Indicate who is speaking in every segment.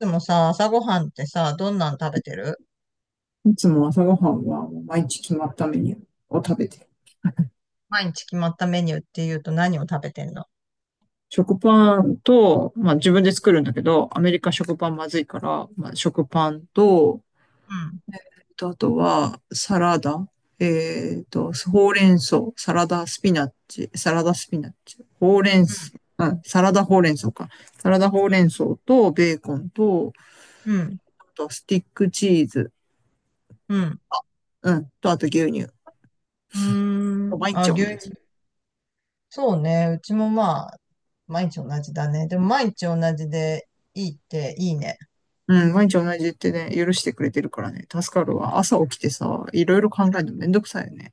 Speaker 1: でもさ、朝ごはんってさ、どんなの食べてる？
Speaker 2: いつも朝ごはんは毎日決まったメニューを食べてる。
Speaker 1: 毎日決まったメニューって言うと何を食べてんの？
Speaker 2: 食パンと、まあ自分で作るんだけど、アメリカ食パンまずいから、まあ食パンと、
Speaker 1: うん、
Speaker 2: あとはサラダ、ほうれん草、サラダスピナッチ、サラダスピナッチ、ほうれん
Speaker 1: う
Speaker 2: 草、うん、サラダほうれん草か。サラダほう
Speaker 1: ん、
Speaker 2: れん草とベーコンと、
Speaker 1: うん、うん。
Speaker 2: あとスティックチーズ、
Speaker 1: うん。
Speaker 2: うん、とあと牛乳。
Speaker 1: うーん。
Speaker 2: 毎日
Speaker 1: あ、
Speaker 2: 同
Speaker 1: 牛
Speaker 2: じ。
Speaker 1: 乳。そうね。うちもまあ、毎日同じだね。でも毎日同じでいいっていいね。
Speaker 2: うん、毎日同じってね、許してくれてるからね、助かるわ。朝起きてさ、いろいろ考えるのめんどくさいよね。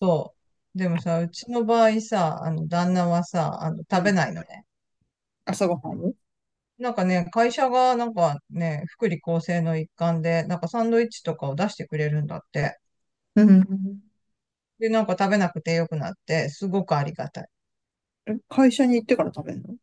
Speaker 1: そう。でもさ、うちの場合さ、旦那はさ、
Speaker 2: う
Speaker 1: 食べ
Speaker 2: ん。
Speaker 1: ないのね。
Speaker 2: 朝ごはんを。
Speaker 1: なんかね、会社がなんかね、福利厚生の一環で、なんかサンドイッチとかを出してくれるんだって。
Speaker 2: うん。
Speaker 1: で、なんか食べなくてよくなって、すごくありがたい。
Speaker 2: 会社に行ってから食べるの？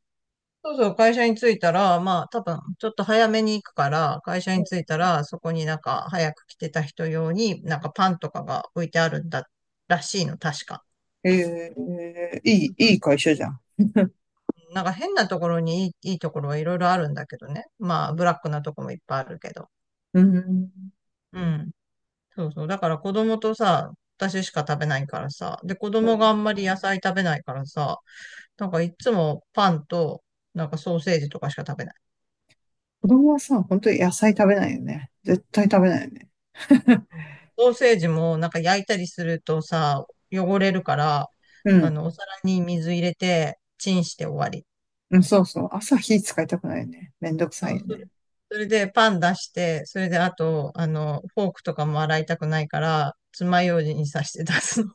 Speaker 1: そうそう、会社に着いたら、まあ、多分、ちょっと早めに行くから、会社に着いたら、そこになんか、早く来てた人用に、なんかパンとかが置いてあるんだ、らしいの、確か。
Speaker 2: ええ、いい会社じゃん。
Speaker 1: なんか変なところにいいところはいろいろあるんだけどね。まあ、ブラックなとこもいっぱいあるけど。
Speaker 2: うん。うん。
Speaker 1: うん。そうそう。だから子供とさ、私しか食べないからさ。で、子供があんまり野菜食べないからさ、なんかいつもパンと、なんかソーセージとかしか食べない。
Speaker 2: 子供はさ、本当に野菜食べないよね。絶対食べないよね。
Speaker 1: うん。ソーセージもなんか焼いたりするとさ、汚れるから、
Speaker 2: うん。
Speaker 1: お皿に水入れて、チンして終わり。
Speaker 2: うん、そうそう。朝火使いたくないよね。めんどく
Speaker 1: そ
Speaker 2: さい
Speaker 1: う。
Speaker 2: よ
Speaker 1: それ
Speaker 2: ね。
Speaker 1: それでパン出して、それであと、フォークとかも洗いたくないから、爪楊枝に刺して出すの。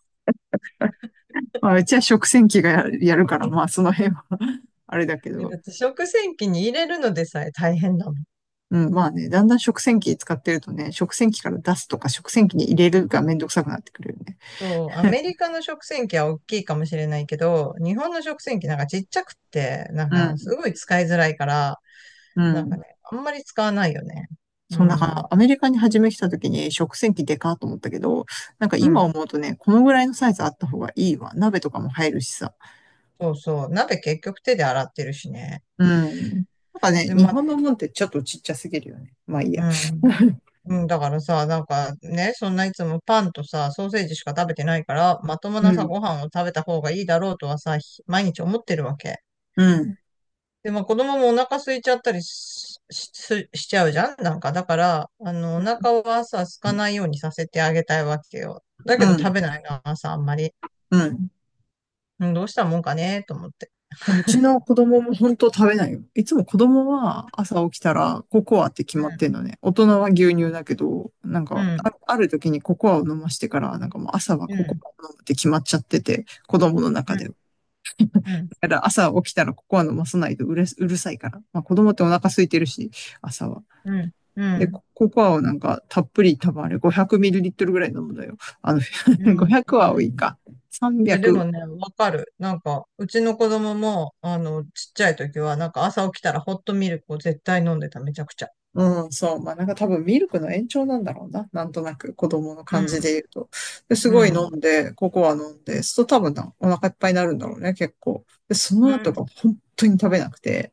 Speaker 2: まあ、うちは食洗機がやるから、まあ、その辺は あれだけ ど。
Speaker 1: だって食洗機に入れるのでさえ大変だもん。
Speaker 2: うん、まあね、だんだん食洗機使ってるとね、食洗機から出すとか食洗機に入れるがめんどくさくなってくるよね。
Speaker 1: そう、アメリカの食洗機は大きいかもしれないけど、日本の食洗機なんかちっちゃくって、なん
Speaker 2: う
Speaker 1: かす
Speaker 2: ん。
Speaker 1: ごい使いづらいから、
Speaker 2: う
Speaker 1: なんか
Speaker 2: ん。
Speaker 1: ね、あんまり使わないよね。う
Speaker 2: そう、だか
Speaker 1: ん。
Speaker 2: らアメリカに初め来た時に食洗機でかーと思ったけど、なんか
Speaker 1: う
Speaker 2: 今
Speaker 1: ん。
Speaker 2: 思うとね、このぐらいのサイズあった方がいいわ。鍋とかも入るしさ。
Speaker 1: そうそう。鍋結局手で洗ってるしね。
Speaker 2: うん。なんかね、
Speaker 1: で、
Speaker 2: 日
Speaker 1: ま、
Speaker 2: 本のもんってちょっとちっちゃすぎるよね。まあいい
Speaker 1: う
Speaker 2: や。
Speaker 1: ん。うん、だからさ、なんかね、そんないつもパンとさ、ソーセージしか食べてないから、まとも
Speaker 2: う
Speaker 1: なさ、ご
Speaker 2: ん。
Speaker 1: 飯を食べた方がいいだろうとはさ、毎日思ってるわけ。
Speaker 2: うん。
Speaker 1: で、まあ子供もお腹空いちゃったりしちゃうじゃんなんか、だから、お
Speaker 2: うん。
Speaker 1: 腹はさ、空かないようにさせてあげたいわけよ。だ
Speaker 2: う
Speaker 1: けど食
Speaker 2: ん。
Speaker 1: べないな、朝あんまり。
Speaker 2: うん。
Speaker 1: うん、どうしたもんかね、と思って。
Speaker 2: うちの子供も本当食べないよ。いつも子供は朝起きたらココアって決
Speaker 1: う
Speaker 2: まって
Speaker 1: ん、
Speaker 2: んのね。大人は牛乳だけど、なん
Speaker 1: う
Speaker 2: か
Speaker 1: ん、
Speaker 2: あ、ある時にココアを飲ましてから、なんかもう朝は
Speaker 1: う
Speaker 2: ココ
Speaker 1: ん、
Speaker 2: アを飲むって決まっちゃってて、子供の
Speaker 1: う
Speaker 2: 中で。
Speaker 1: ん、うん、
Speaker 2: だから朝起きたらココア飲まさないとうるさいから。まあ子供ってお腹空いてるし、朝は。
Speaker 1: うん、うん。う
Speaker 2: で、
Speaker 1: ん。
Speaker 2: ココアをなんかたっぷり多分あれ 500ml ぐらい飲むのよ。
Speaker 1: う ん、うん、
Speaker 2: 500は多
Speaker 1: う
Speaker 2: い
Speaker 1: ん。
Speaker 2: か。
Speaker 1: いや、で
Speaker 2: 300。
Speaker 1: もね、わかる。なんか、うちの子供も、ちっちゃい時は、なんか朝起きたらホットミルクを絶対飲んでた、めちゃくちゃ。
Speaker 2: うん、そう。まあなんか多分ミルクの延長なんだろうな。なんとなく子供の感じで言うと。です
Speaker 1: うん、
Speaker 2: ごい
Speaker 1: う
Speaker 2: 飲ん
Speaker 1: ん。
Speaker 2: で、ココア飲んで、そうすると多分なお腹いっぱいになるんだろうね、結構。で、そ
Speaker 1: う
Speaker 2: の後
Speaker 1: ん、
Speaker 2: が本当に食べなくて、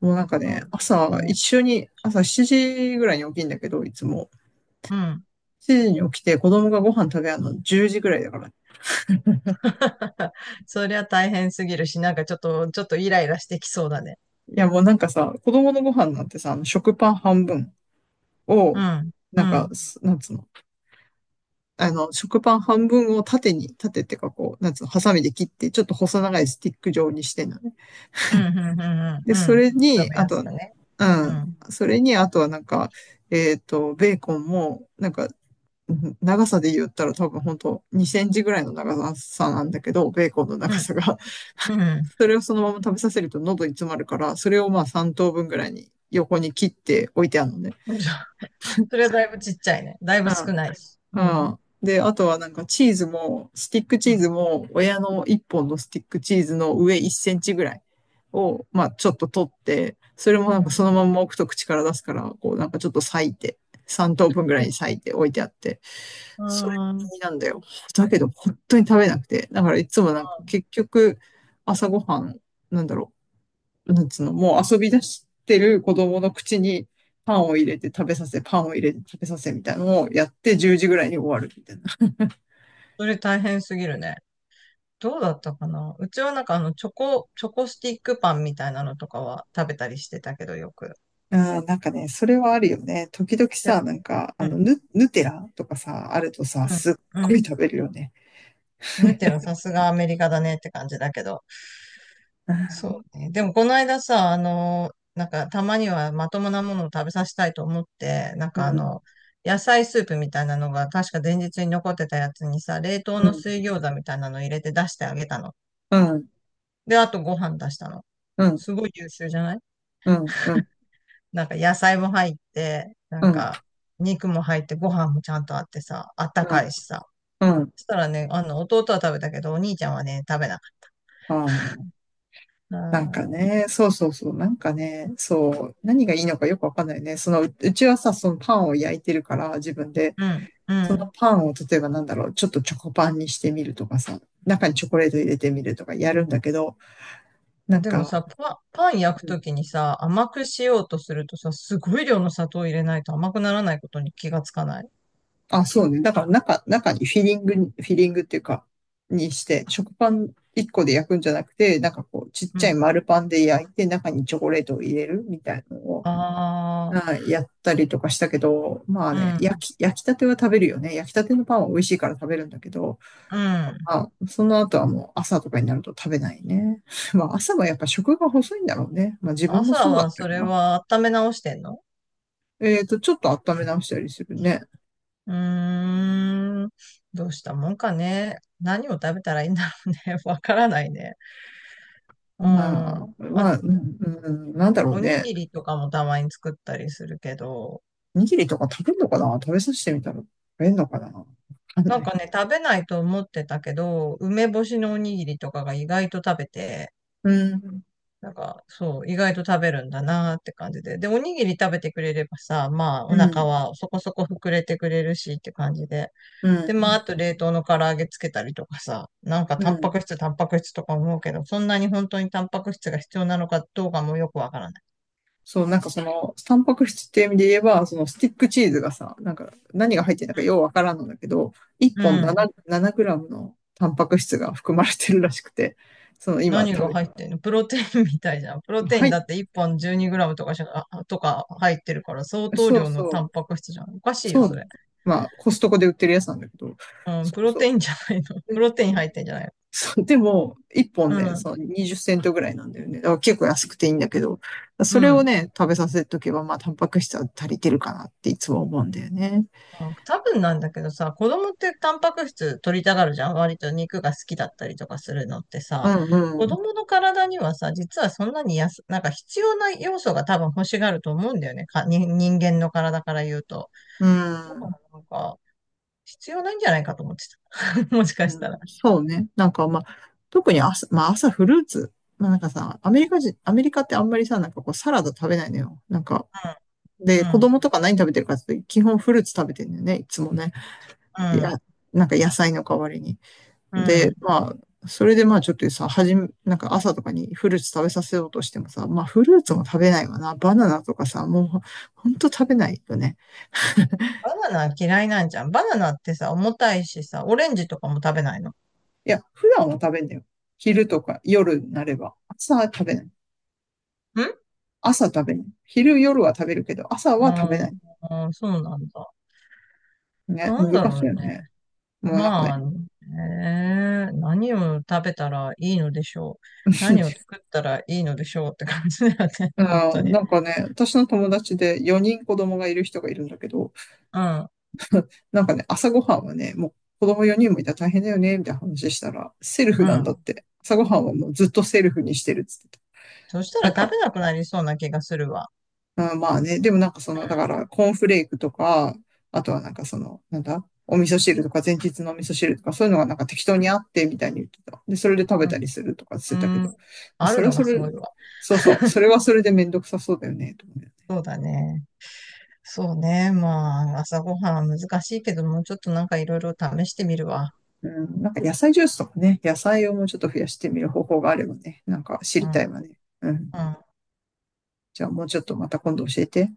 Speaker 2: もうなんか
Speaker 1: そ
Speaker 2: ね、
Speaker 1: う
Speaker 2: 朝、
Speaker 1: ね。
Speaker 2: 一緒に、朝7時ぐらいに起きんだけど、いつも。
Speaker 1: うん。
Speaker 2: 7時に起きて子供がご飯食べるの10時ぐらいだから。い
Speaker 1: そりゃ大変すぎるし、なんかちょっとイライラしてきそうだね。
Speaker 2: やもうなんかさ、子供のご飯なんてさ、あの食パン半分
Speaker 1: う
Speaker 2: を、
Speaker 1: ん、う
Speaker 2: なんか、
Speaker 1: ん、
Speaker 2: なんつうの、あの、食パン半分を縦に、縦ってかこう、なんつうの、ハサミで切って、ちょっと細長いスティック状にしてんのね。
Speaker 1: うん、うん、うん、
Speaker 2: で、
Speaker 1: う
Speaker 2: そ
Speaker 1: ん。うん。
Speaker 2: れに、
Speaker 1: 食べ
Speaker 2: あ
Speaker 1: や
Speaker 2: と
Speaker 1: す
Speaker 2: は、
Speaker 1: くね。
Speaker 2: う
Speaker 1: う
Speaker 2: ん、
Speaker 1: ん、
Speaker 2: それに、あとはなんか、ベーコンも、なんか、長さで言ったら多分本当にセンチぐらいの長さなんだけど、ベーコンの
Speaker 1: う
Speaker 2: 長
Speaker 1: ん、
Speaker 2: さが。
Speaker 1: う ん。
Speaker 2: それをそのまま食べさせると喉に詰まるから、それをまあ3等分ぐらいに横に切って置いてあるのね。
Speaker 1: それはだいぶちっちゃいね。だいぶ少ないし。う
Speaker 2: うん。う
Speaker 1: ん、
Speaker 2: ん。で、あとはなんかチーズも、スティックチ
Speaker 1: う
Speaker 2: ー
Speaker 1: ん、
Speaker 2: ズも、親の1本のスティックチーズの上1センチぐらいを、まあちょっと取って、それもな
Speaker 1: う
Speaker 2: んか
Speaker 1: ん。
Speaker 2: そのまんま置くと口から出すから、こうなんかちょっと裂いて、3等分ぐらいに裂いて置いてあって、
Speaker 1: う
Speaker 2: それ
Speaker 1: ん。う
Speaker 2: なんだよ。だけど本当に食べなくて。だからいつもなんか
Speaker 1: ん。
Speaker 2: 結局朝ごはん、なんだろう、なんつうの、もう遊び出してる子供の口にパンを入れて食べさせ、パンを入れて食べさせみたいなのをやって10時ぐらいに終わるみたいな。
Speaker 1: それ大変すぎるね。どうだったかな。うちはなんかチョコスティックパンみたいなのとかは食べたりしてたけどよく。
Speaker 2: あー、なんかね、それはあるよね。時々
Speaker 1: でも、
Speaker 2: さ、なんか、
Speaker 1: う
Speaker 2: あの、
Speaker 1: ん、
Speaker 2: ヌテラとかさ、あるとさ、
Speaker 1: うん、
Speaker 2: すっ
Speaker 1: う
Speaker 2: ごい
Speaker 1: ん。
Speaker 2: 食べるよね。
Speaker 1: ヌテラさすがアメリカだねって感じだけど。
Speaker 2: う
Speaker 1: そ
Speaker 2: ん、
Speaker 1: うね。でもこの間さ、なんかたまにはまともなものを食べさせたいと思って、なん
Speaker 2: う
Speaker 1: か
Speaker 2: ん、
Speaker 1: 野菜スープみたいなのが確か前日に残ってたやつにさ、冷凍
Speaker 2: う
Speaker 1: の
Speaker 2: ん、
Speaker 1: 水餃子みたいなの入れて出してあげたの。
Speaker 2: うん、
Speaker 1: で、あとご飯出したの。
Speaker 2: うん、
Speaker 1: すごい優秀じゃない？
Speaker 2: うん、うん、
Speaker 1: なんか野菜も入って、な
Speaker 2: う
Speaker 1: んか肉も入ってご飯もちゃんとあってさ、あったかい
Speaker 2: ん、
Speaker 1: しさ。
Speaker 2: うん。
Speaker 1: そしたらね、弟は食べたけど、お兄ちゃんはね、食べなかっ
Speaker 2: あー、
Speaker 1: た。
Speaker 2: なんか
Speaker 1: あー。
Speaker 2: ね、そうそうそう、なんかね、そう、何がいいのかよくわかんないね。その、うちはさ、そのパンを焼いてるから、自分で。
Speaker 1: うん、
Speaker 2: そのパンを例えばなんだろう、ちょっとチョコパンにしてみるとかさ、中にチョコレート入れてみるとかやるんだけど、
Speaker 1: う
Speaker 2: な
Speaker 1: ん。
Speaker 2: ん
Speaker 1: でもさ、
Speaker 2: か、
Speaker 1: パン焼く
Speaker 2: う
Speaker 1: と
Speaker 2: ん、
Speaker 1: きにさ、甘くしようとするとさ、すごい量の砂糖入れないと甘くならないことに気がつかない。
Speaker 2: あ、そうね。だから中にフィリングに、フィリングっていうか、にして、食パン1個で焼くんじゃなくて、なんかこう、ちっ
Speaker 1: う
Speaker 2: ちゃい
Speaker 1: ん。
Speaker 2: 丸パンで焼いて、中にチョコレートを入れるみたいなのを、
Speaker 1: あ
Speaker 2: はい、やったりとかしたけど、まあね、
Speaker 1: あ、
Speaker 2: 焼きたては食べるよね。焼きたてのパンは美味しいから食べるんだけど、
Speaker 1: うん、うん。
Speaker 2: あ、その後はもう朝とかになると食べないね。まあ朝はやっぱ食が細いんだろうね。まあ自分も
Speaker 1: 朝
Speaker 2: そうだっ
Speaker 1: は
Speaker 2: た
Speaker 1: そ
Speaker 2: よ
Speaker 1: れ
Speaker 2: な。
Speaker 1: は温め直してんの？
Speaker 2: ちょっと温め直したりするね。
Speaker 1: うーん。どうしたもんかね。何を食べたらいいんだろうね。わからないね。う
Speaker 2: ま
Speaker 1: ん。
Speaker 2: あ、ま
Speaker 1: あ、
Speaker 2: あ、うん、うん、なんだろう
Speaker 1: おに
Speaker 2: ね。
Speaker 1: ぎりとかもたまに作ったりするけど、
Speaker 2: おにぎりとか食べるのかな、食べさせてみたら食べるのかな、わかん
Speaker 1: な
Speaker 2: な
Speaker 1: ん
Speaker 2: い。
Speaker 1: かね、食べないと思ってたけど、梅干しのおにぎりとかが意外と食べて、
Speaker 2: うん、
Speaker 1: なんか、そう、意外と食べるんだなーって感じで。で、おにぎり食べてくれればさ、まあ、
Speaker 2: う
Speaker 1: お腹
Speaker 2: ん、
Speaker 1: はそこそこ膨れてくれるしって感じで。
Speaker 2: う
Speaker 1: で、まあ、あ
Speaker 2: ん、
Speaker 1: と冷凍の唐揚げつけたりとかさ、なんか
Speaker 2: う
Speaker 1: タンパ
Speaker 2: ん。
Speaker 1: ク質、タンパク質とか思うけど、そんなに本当にタンパク質が必要なのかどうかもよくわからない。
Speaker 2: そう、なんかその、タンパク質っていう意味で言えば、そのスティックチーズがさ、なんか何が入ってるのかようわからんのだけど、1本7グラムのタンパク質が含まれてるらしくて、その今
Speaker 1: 何が
Speaker 2: 食
Speaker 1: 入ってんの？プロテインみたいじゃん。プロ
Speaker 2: べ、
Speaker 1: テイ
Speaker 2: は
Speaker 1: ンだ
Speaker 2: い、
Speaker 1: って1本 12g とかしか、とか入ってるから相当
Speaker 2: そう
Speaker 1: 量の
Speaker 2: そ
Speaker 1: タ
Speaker 2: う、
Speaker 1: ンパク質じゃん。おかしいよ、
Speaker 2: そ
Speaker 1: そ
Speaker 2: う、
Speaker 1: れ。
Speaker 2: まあコストコで売ってるやつなんだけど、
Speaker 1: うん、
Speaker 2: そ
Speaker 1: プ
Speaker 2: う
Speaker 1: ロ
Speaker 2: そ
Speaker 1: テ
Speaker 2: う。
Speaker 1: インじゃないの？プ
Speaker 2: で、
Speaker 1: ロテイン入ってんじゃないの？
Speaker 2: そうでも、1本
Speaker 1: う
Speaker 2: ね、
Speaker 1: ん、
Speaker 2: その20セントぐらいなんだよね。だから結構安くていいんだけど、
Speaker 1: う
Speaker 2: それを
Speaker 1: ん。
Speaker 2: ね、食べさせとけば、まあタンパク質は足りてるかなっていつも思うんだよね。
Speaker 1: あ、多分なんだけどさ、子供ってタンパク質取りたがるじゃん。割と肉が好きだったりとかするのって
Speaker 2: う
Speaker 1: さ、
Speaker 2: ん、う
Speaker 1: 子
Speaker 2: ん。
Speaker 1: 供の体にはさ、実はそんなになんか必要な要素が多分欲しがると思うんだよね。に人間の体から言うと。
Speaker 2: う
Speaker 1: だから
Speaker 2: ん。
Speaker 1: なんか、必要ないんじゃないかと思って もしか
Speaker 2: う
Speaker 1: した
Speaker 2: ん、
Speaker 1: ら。
Speaker 2: そうね。なんかまあ、特に朝、まあ朝フルーツ。まあなんかさ、アメリカ人、アメリカってあんまりさ、なんかこうサラダ食べないのよ。なんか、
Speaker 1: う
Speaker 2: で、子
Speaker 1: ん、
Speaker 2: 供とか何食べてるかって言うと基本フルーツ食べてるんだよね、いつもね。
Speaker 1: う
Speaker 2: いや、
Speaker 1: ん、
Speaker 2: なんか野菜の代わりに。
Speaker 1: うん。う
Speaker 2: で、
Speaker 1: ん。
Speaker 2: まあ、それでまあちょっとさ、はじめ、なんか朝とかにフルーツ食べさせようとしてもさ、まあフルーツも食べないわな。バナナとかさ、もうほんと食べないよね。
Speaker 1: バナナ嫌いなんじゃん。バナナってさ、重たいしさ、オレンジとかも食べないの？ん。
Speaker 2: いや、普段は食べんだよ。昼とか夜になれば。朝は食べない。朝食べない。昼、夜は食べるけど、朝は食べ
Speaker 1: あ
Speaker 2: ない。
Speaker 1: あー、そうなんだ。
Speaker 2: ね、
Speaker 1: なんだ
Speaker 2: 難し
Speaker 1: ろう
Speaker 2: いよ
Speaker 1: ね。
Speaker 2: ね。もうなんか
Speaker 1: まあ、
Speaker 2: ね、
Speaker 1: ねえ何を食べたらいいのでしょう。何を 作ったらいいのでしょうって感じだよね。本当に。
Speaker 2: なんかね、私の友達で4人子供がいる人がいるんだけど、
Speaker 1: うん、
Speaker 2: なんかね、朝ごはんはね、もう子供4人もいたら大変だよね、みたいな話したら、セルフ
Speaker 1: う
Speaker 2: なんだ
Speaker 1: ん。
Speaker 2: って。朝ごはんはもうずっとセルフにしてるっつってた。
Speaker 1: そした
Speaker 2: な
Speaker 1: ら
Speaker 2: ん
Speaker 1: 食
Speaker 2: か、
Speaker 1: べなくなりそうな気がするわ。
Speaker 2: あ、まあね、でもなんかその、だからコーンフレークとか、あとはなんかその、なんだ、お味噌汁とか前日のお味噌汁とかそういうのがなんか適当にあってみたいに言ってた。で、それで食べたり
Speaker 1: う
Speaker 2: するとかしてたけ
Speaker 1: ん、う
Speaker 2: ど、ま
Speaker 1: ん、
Speaker 2: あ、
Speaker 1: あ
Speaker 2: そ
Speaker 1: る
Speaker 2: れは
Speaker 1: の
Speaker 2: そ
Speaker 1: がす
Speaker 2: れ、
Speaker 1: ごいわ。
Speaker 2: そうそう、そ れはそれでめんどくさそうだよね、と思うよね。
Speaker 1: そうだね。そうね。まあ、朝ごはんは難しいけども、ちょっとなんかいろいろ試してみるわ。
Speaker 2: うん、なんか野菜ジュースとかね、野菜をもうちょっと増やしてみる方法があればね、なんか知
Speaker 1: う
Speaker 2: り
Speaker 1: ん、
Speaker 2: たいわね。うん。
Speaker 1: うん。
Speaker 2: じゃあもうちょっとまた今度教えて。